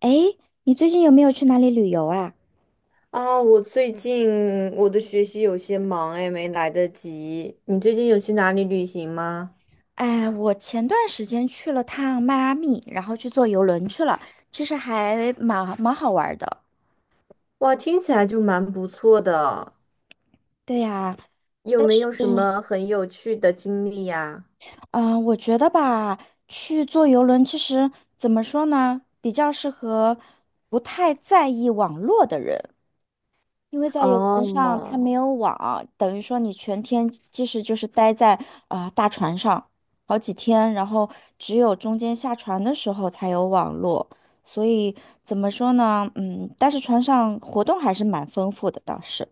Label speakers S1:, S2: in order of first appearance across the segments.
S1: 诶，你最近有没有去哪里旅游啊？
S2: 啊，我最近我的学习有些忙哎，没来得及。你最近有去哪里旅行吗？
S1: 哎，我前段时间去了趟迈阿密，然后去坐游轮去了，其实还蛮好玩儿的。
S2: 哇，听起来就蛮不错的，
S1: 对呀，
S2: 有没有什
S1: 嗯，
S2: 么很有趣的经历呀？
S1: 嗯，我觉得吧，去坐游轮其实怎么说呢，比较适合不太在意网络的人。因为在游轮上它
S2: 哦，
S1: 没有网，等于说你全天即使就是待在大船上好几天，然后只有中间下船的时候才有网络，所以怎么说呢？嗯，但是船上活动还是蛮丰富的，倒是。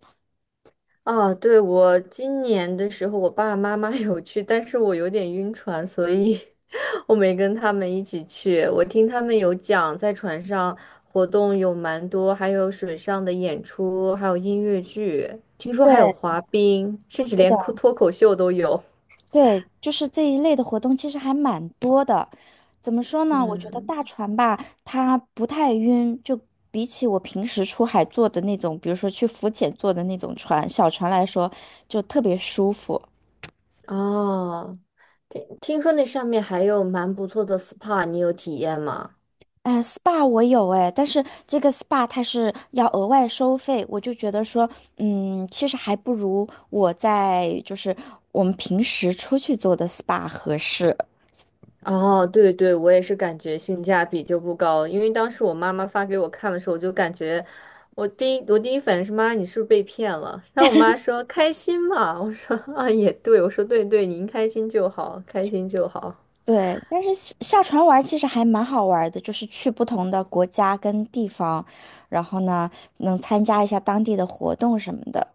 S2: 啊，对，我今年的时候，我爸爸妈妈 有去，但是我有点晕船，所以 我没跟他们一起去。我听他们有讲，在船上活动有蛮多，还有水上的演出，还有音乐剧，听说还有
S1: 对，
S2: 滑冰，甚至
S1: 是
S2: 连脱
S1: 的。
S2: 脱口秀都有。
S1: 对，就是这一类的活动其实还蛮多的。怎么说呢？我觉得
S2: 嗯，
S1: 大船吧，它不太晕，就比起我平时出海坐的那种，比如说去浮潜坐的那种船，小船来说，就特别舒服。
S2: 哦，听说那上面还有蛮不错的 SPA，你有体验吗？
S1: 嗯，SPA 我有哎，但是这个 SPA 它是要额外收费，我就觉得说，其实还不如我在就是我们平时出去做的 SPA 合适。
S2: 哦，对对，我也是感觉性价比就不高，因为当时我妈妈发给我看的时候，我就感觉我第一反应是妈，你是不是被骗了？然后我妈说开心嘛，我说啊也对，我说对对，您开心就好，开心就好
S1: 对，但是下船玩儿其实还蛮好玩儿的，就是去不同的国家跟地方，然后呢，能参加一下当地的活动什么的，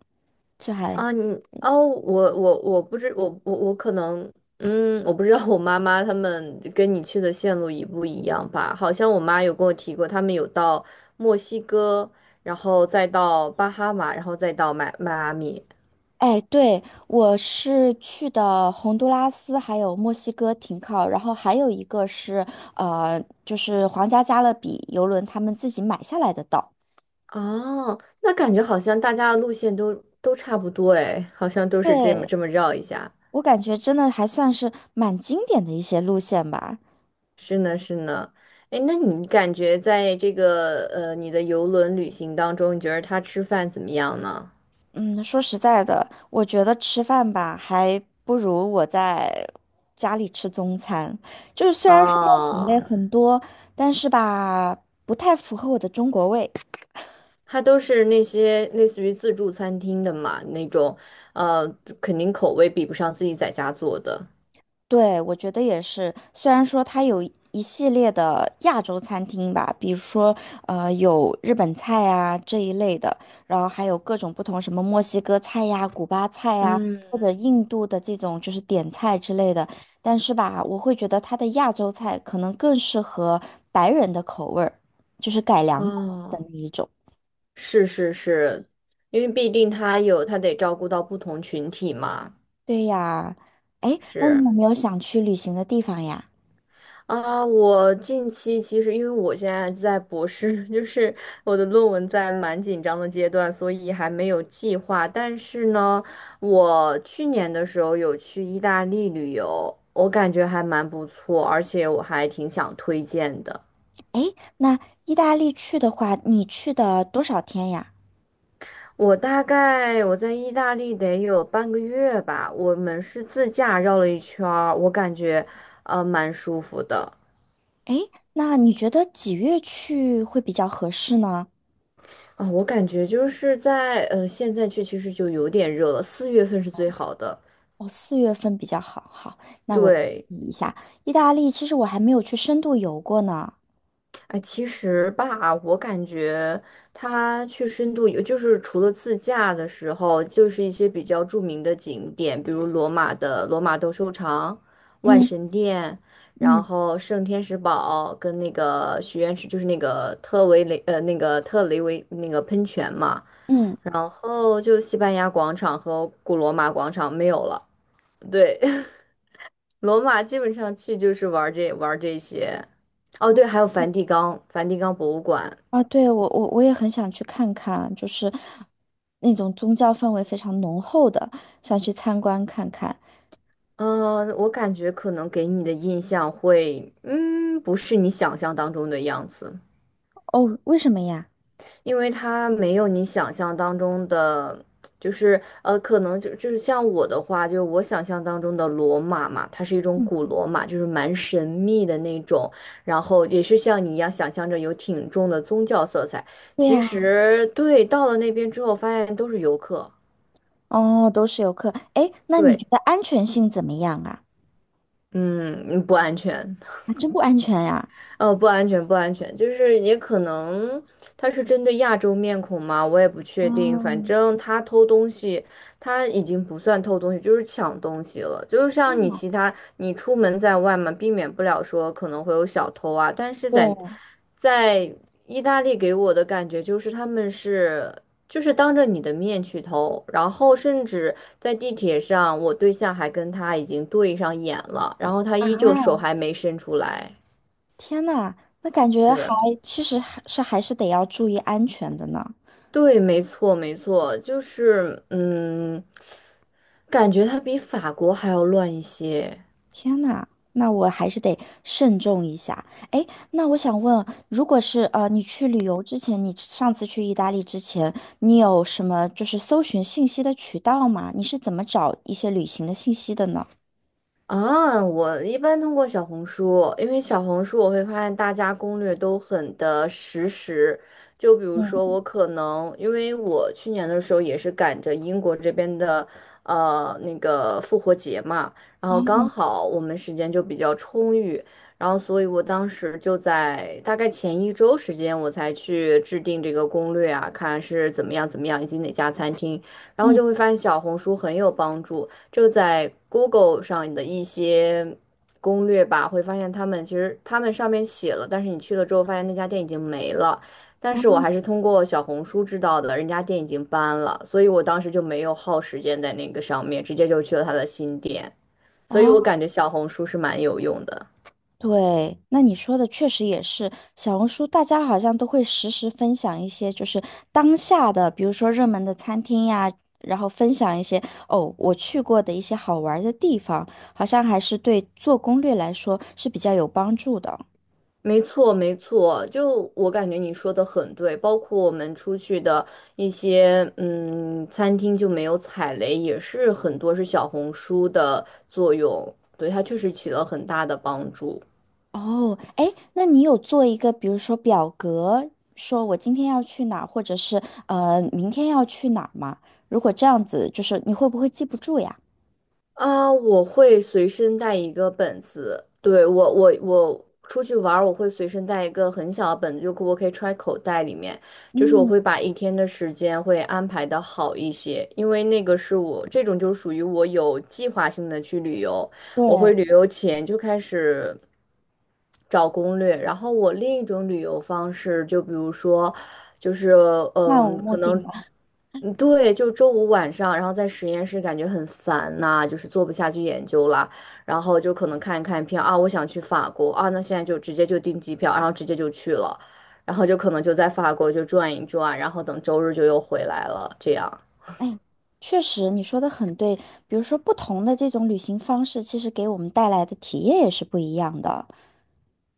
S1: 就还，
S2: 啊。你哦，我可能嗯，我不知道我妈妈他们跟你去的线路一不一样吧？好像我妈有跟我提过，他们有到墨西哥，然后再到巴哈马，然后再到迈阿密。
S1: 哎，对，我是去的洪都拉斯还有墨西哥停靠，然后还有一个是就是皇家加勒比游轮他们自己买下来的岛。
S2: 哦，那感觉好像大家的路线都都差不多哎，好像都是这么
S1: 对，
S2: 这么绕一下。
S1: 我感觉真的还算是蛮经典的一些路线吧。
S2: 是呢，是呢。哎，那你感觉在这个你的游轮旅行当中，你觉得他吃饭怎么样呢？
S1: 嗯，说实在的，我觉得吃饭吧，还不如我在家里吃中餐。就是虽然说品类
S2: 哦，
S1: 很多，但是吧，不太符合我的中国胃。
S2: 它都是那些类似于自助餐厅的嘛，那种呃肯定口味比不上自己在家做的。
S1: 对，我觉得也是。虽然说它有一系列的亚洲餐厅吧，比如说有日本菜啊这一类的，然后还有各种不同什么墨西哥菜呀、古巴菜呀，
S2: 嗯，
S1: 或者印度的这种就是点菜之类的。但是吧，我会觉得它的亚洲菜可能更适合白人的口味儿，就是改良过后的
S2: 哦，
S1: 那一种。
S2: 是是是，因为毕竟他有他得照顾到不同群体嘛，
S1: 对呀，哎，那你
S2: 是。
S1: 有没有想去旅行的地方呀？
S2: 啊，我近期其实因为我现在在博士，就是我的论文在蛮紧张的阶段，所以还没有计划。但是呢，我去年的时候有去意大利旅游，我感觉还蛮不错，而且我还挺想推荐的。
S1: 哎，那意大利去的话，你去的多少天呀？
S2: 大概我在意大利得有半个月吧，我们是自驾绕了一圈儿，我感觉蛮舒服的。
S1: 诶，那你觉得几月去会比较合适呢？
S2: 啊，我感觉就是在现在去其实就有点热了，四月份是最好的。
S1: 哦，四月份比较好。好，那我记
S2: 对，
S1: 一下，意大利其实我还没有去深度游过呢。
S2: 哎，其实吧，我感觉它去深度游，就是除了自驾的时候，就是一些比较著名的景点，比如罗马的罗马斗兽场、万
S1: 嗯
S2: 神殿，然
S1: 嗯
S2: 后圣天使堡跟那个许愿池，就是那个特维雷呃那个特雷维那个喷泉嘛，
S1: 嗯，
S2: 然后就西班牙广场和古罗马广场没有了。对，罗马基本上去就是玩儿这些。哦，对，还有梵蒂冈，梵蒂冈博物馆。
S1: 啊，对，我也很想去看看，就是那种宗教氛围非常浓厚的，想去参观看看。
S2: 嗯，我感觉可能给你的印象会，不是你想象当中的样子。
S1: 哦，为什么呀？
S2: 因为它没有你想象当中的，就是可能就是像我的话，就是我想象当中的罗马嘛，它是一种
S1: 嗯，
S2: 古罗马，就是蛮神秘的那种，然后也是像你一样想象着有挺重的宗教色彩。
S1: 对
S2: 其
S1: 呀，
S2: 实对，到了那边之后发现都是游客，
S1: 哦，都是游客。诶，那你觉
S2: 对，
S1: 得安全性怎么样啊？
S2: 嗯，不安全。
S1: 啊，真不安全呀。
S2: 哦，不安全，不安全，就是也可能他是针对亚洲面孔嘛，我也不确定。反
S1: 嗯，
S2: 正他偷东西，他已经不算偷东西，就是抢东西了。就像你其他，你出门在外嘛，避免不了说可能会有小偷啊。但是在
S1: 对。
S2: 在意大利给我的感觉就是他们是就是当着你的面去偷，然后甚至在地铁上，我对象还跟他已经对上眼了，然后他依旧手还没伸出来，
S1: 天呐，那感觉还
S2: 是。
S1: 其实还是还是得要注意安全的呢。
S2: 对，没错，没错，就是感觉它比法国还要乱一些。
S1: 天呐，那我还是得慎重一下。哎，那我想问，如果是你去旅游之前，你上次去意大利之前，你有什么就是搜寻信息的渠道吗？你是怎么找一些旅行的信息的呢？
S2: 啊，我一般通过小红书，因为小红书我会发现大家攻略都很的实时。就比如说，
S1: 嗯。
S2: 我可能因为我去年的时候也是赶着英国这边的那个复活节嘛，然后刚
S1: 嗯
S2: 好我们时间就比较充裕，然后所以我当时就在大概前一周时间我才去制定这个攻略啊，看是怎么样怎么样，以及哪家餐厅，然后
S1: 嗯，
S2: 就会发现小红书很有帮助。就在 Google 上的一些攻略吧，会发现他们其实他们上面写了，但是你去了之后发现那家店已经没了。但是我还是通过小红书知道的，人家店已经搬了，所以我当时就没有耗时间在那个上面，直接就去了他的新店。所以我
S1: 哦，
S2: 感觉小红书是蛮有用的。
S1: 对，那你说的确实也是，小红书大家好像都会实时分享一些就是当下的，比如说热门的餐厅呀，然后分享一些哦我去过的一些好玩儿的地方，好像还是对做攻略来说是比较有帮助的。
S2: 没错，没错，就我感觉你说的很对，包括我们出去的一些餐厅就没有踩雷，也是很多是小红书的作用，对，它确实起了很大的帮助。
S1: 哦，哎，那你有做一个，比如说表格，说我今天要去哪儿，或者是明天要去哪儿吗？如果这样子，就是你会不会记不住呀？
S2: 啊，我会随身带一个本子，对，我出去玩儿我会随身带一个很小的本子，就我可以揣口袋里面，就是我
S1: 嗯，
S2: 会把一天的时间会安排的好一些，因为那个是我这种就属于我有计划性的去旅游，我会
S1: 对，
S2: 旅游前就开始找攻略，然后我另一种旅游方式，就比如说，就是
S1: 漫无目
S2: 可
S1: 的。
S2: 能。嗯，对，就周五晚上，然后在实验室感觉很烦呐、就是做不下去研究了，然后就可能看一看票啊，我想去法国啊，那现在就直接就订机票，然后直接就去了，然后就可能就在法国就转一转，然后等周日就又回来了，这样。
S1: 哎，确实，你说的很对。比如说，不同的这种旅行方式，其实给我们带来的体验也是不一样的。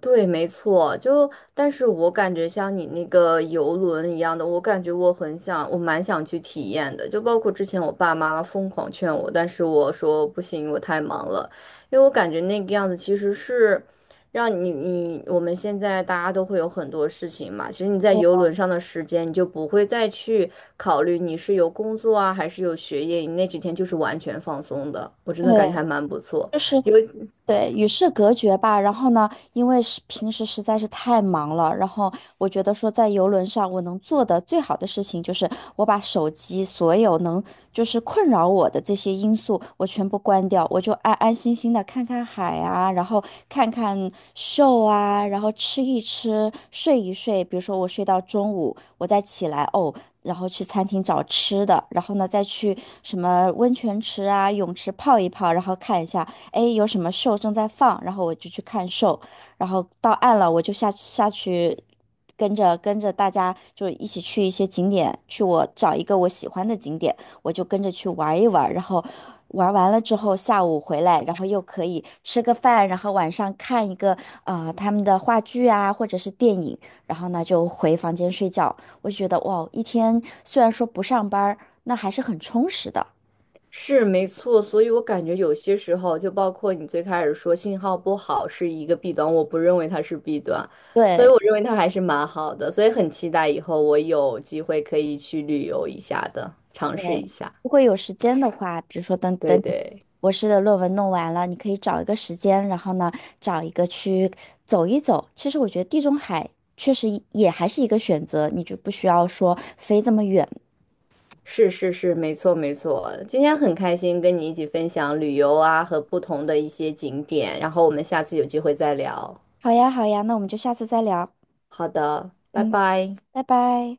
S2: 对，没错，就但是我感觉像你那个游轮一样的，我感觉我很想，我蛮想去体验的。就包括之前我爸妈疯狂劝我，但是我说不行，我太忙了，因为我感觉那个样子其实是让你我们现在大家都会有很多事情嘛，其实你在
S1: 对，
S2: 游轮上的时间，你就不会再去考虑你是有工作啊还是有学业，你那几天就是完全放松的。我真的感觉
S1: 对，
S2: 还蛮不错，
S1: 就是
S2: 尤其。
S1: 对，与世隔绝吧。然后呢，因为是平时实在是太忙了，然后我觉得说在游轮上我能做的最好的事情就是我把手机所有能就是困扰我的这些因素我全部关掉，我就安安心心的看看海啊，然后看看 s 啊，然后吃一吃，睡一睡。比如说我睡到中午，我再起来哦。然后去餐厅找吃的，然后呢，再去什么温泉池啊、泳池泡一泡，然后看一下。哎，诶有什么 s 正在放，然后我就去看 s 然后到岸了，我就下去跟着大家就一起去一些景点，去我找一个我喜欢的景点，我就跟着去玩一玩，然后玩完了之后下午回来，然后又可以吃个饭，然后晚上看一个他们的话剧啊或者是电影，然后呢就回房间睡觉。我就觉得哇，一天虽然说不上班儿那还是很充实的。
S2: 是没错，所以我感觉有些时候，就包括你最开始说信号不好是一个弊端，我不认为它是弊端，所以
S1: 对。
S2: 我认为它还是蛮好的，所以很期待以后我有机会可以去旅游一下的，尝
S1: 对，
S2: 试一下。
S1: 如果有时间的话，比如说等等
S2: 对
S1: 你
S2: 对，
S1: 博士的论文弄完了，你可以找一个时间，然后呢，找一个去走一走。其实我觉得地中海确实也还是一个选择，你就不需要说飞这么远。
S2: 是是是，没错没错。今天很开心跟你一起分享旅游啊和不同的一些景点，然后我们下次有机会再聊。
S1: 好呀，好呀，那我们就下次再聊。
S2: 好的，拜
S1: 嗯，
S2: 拜。
S1: 拜拜。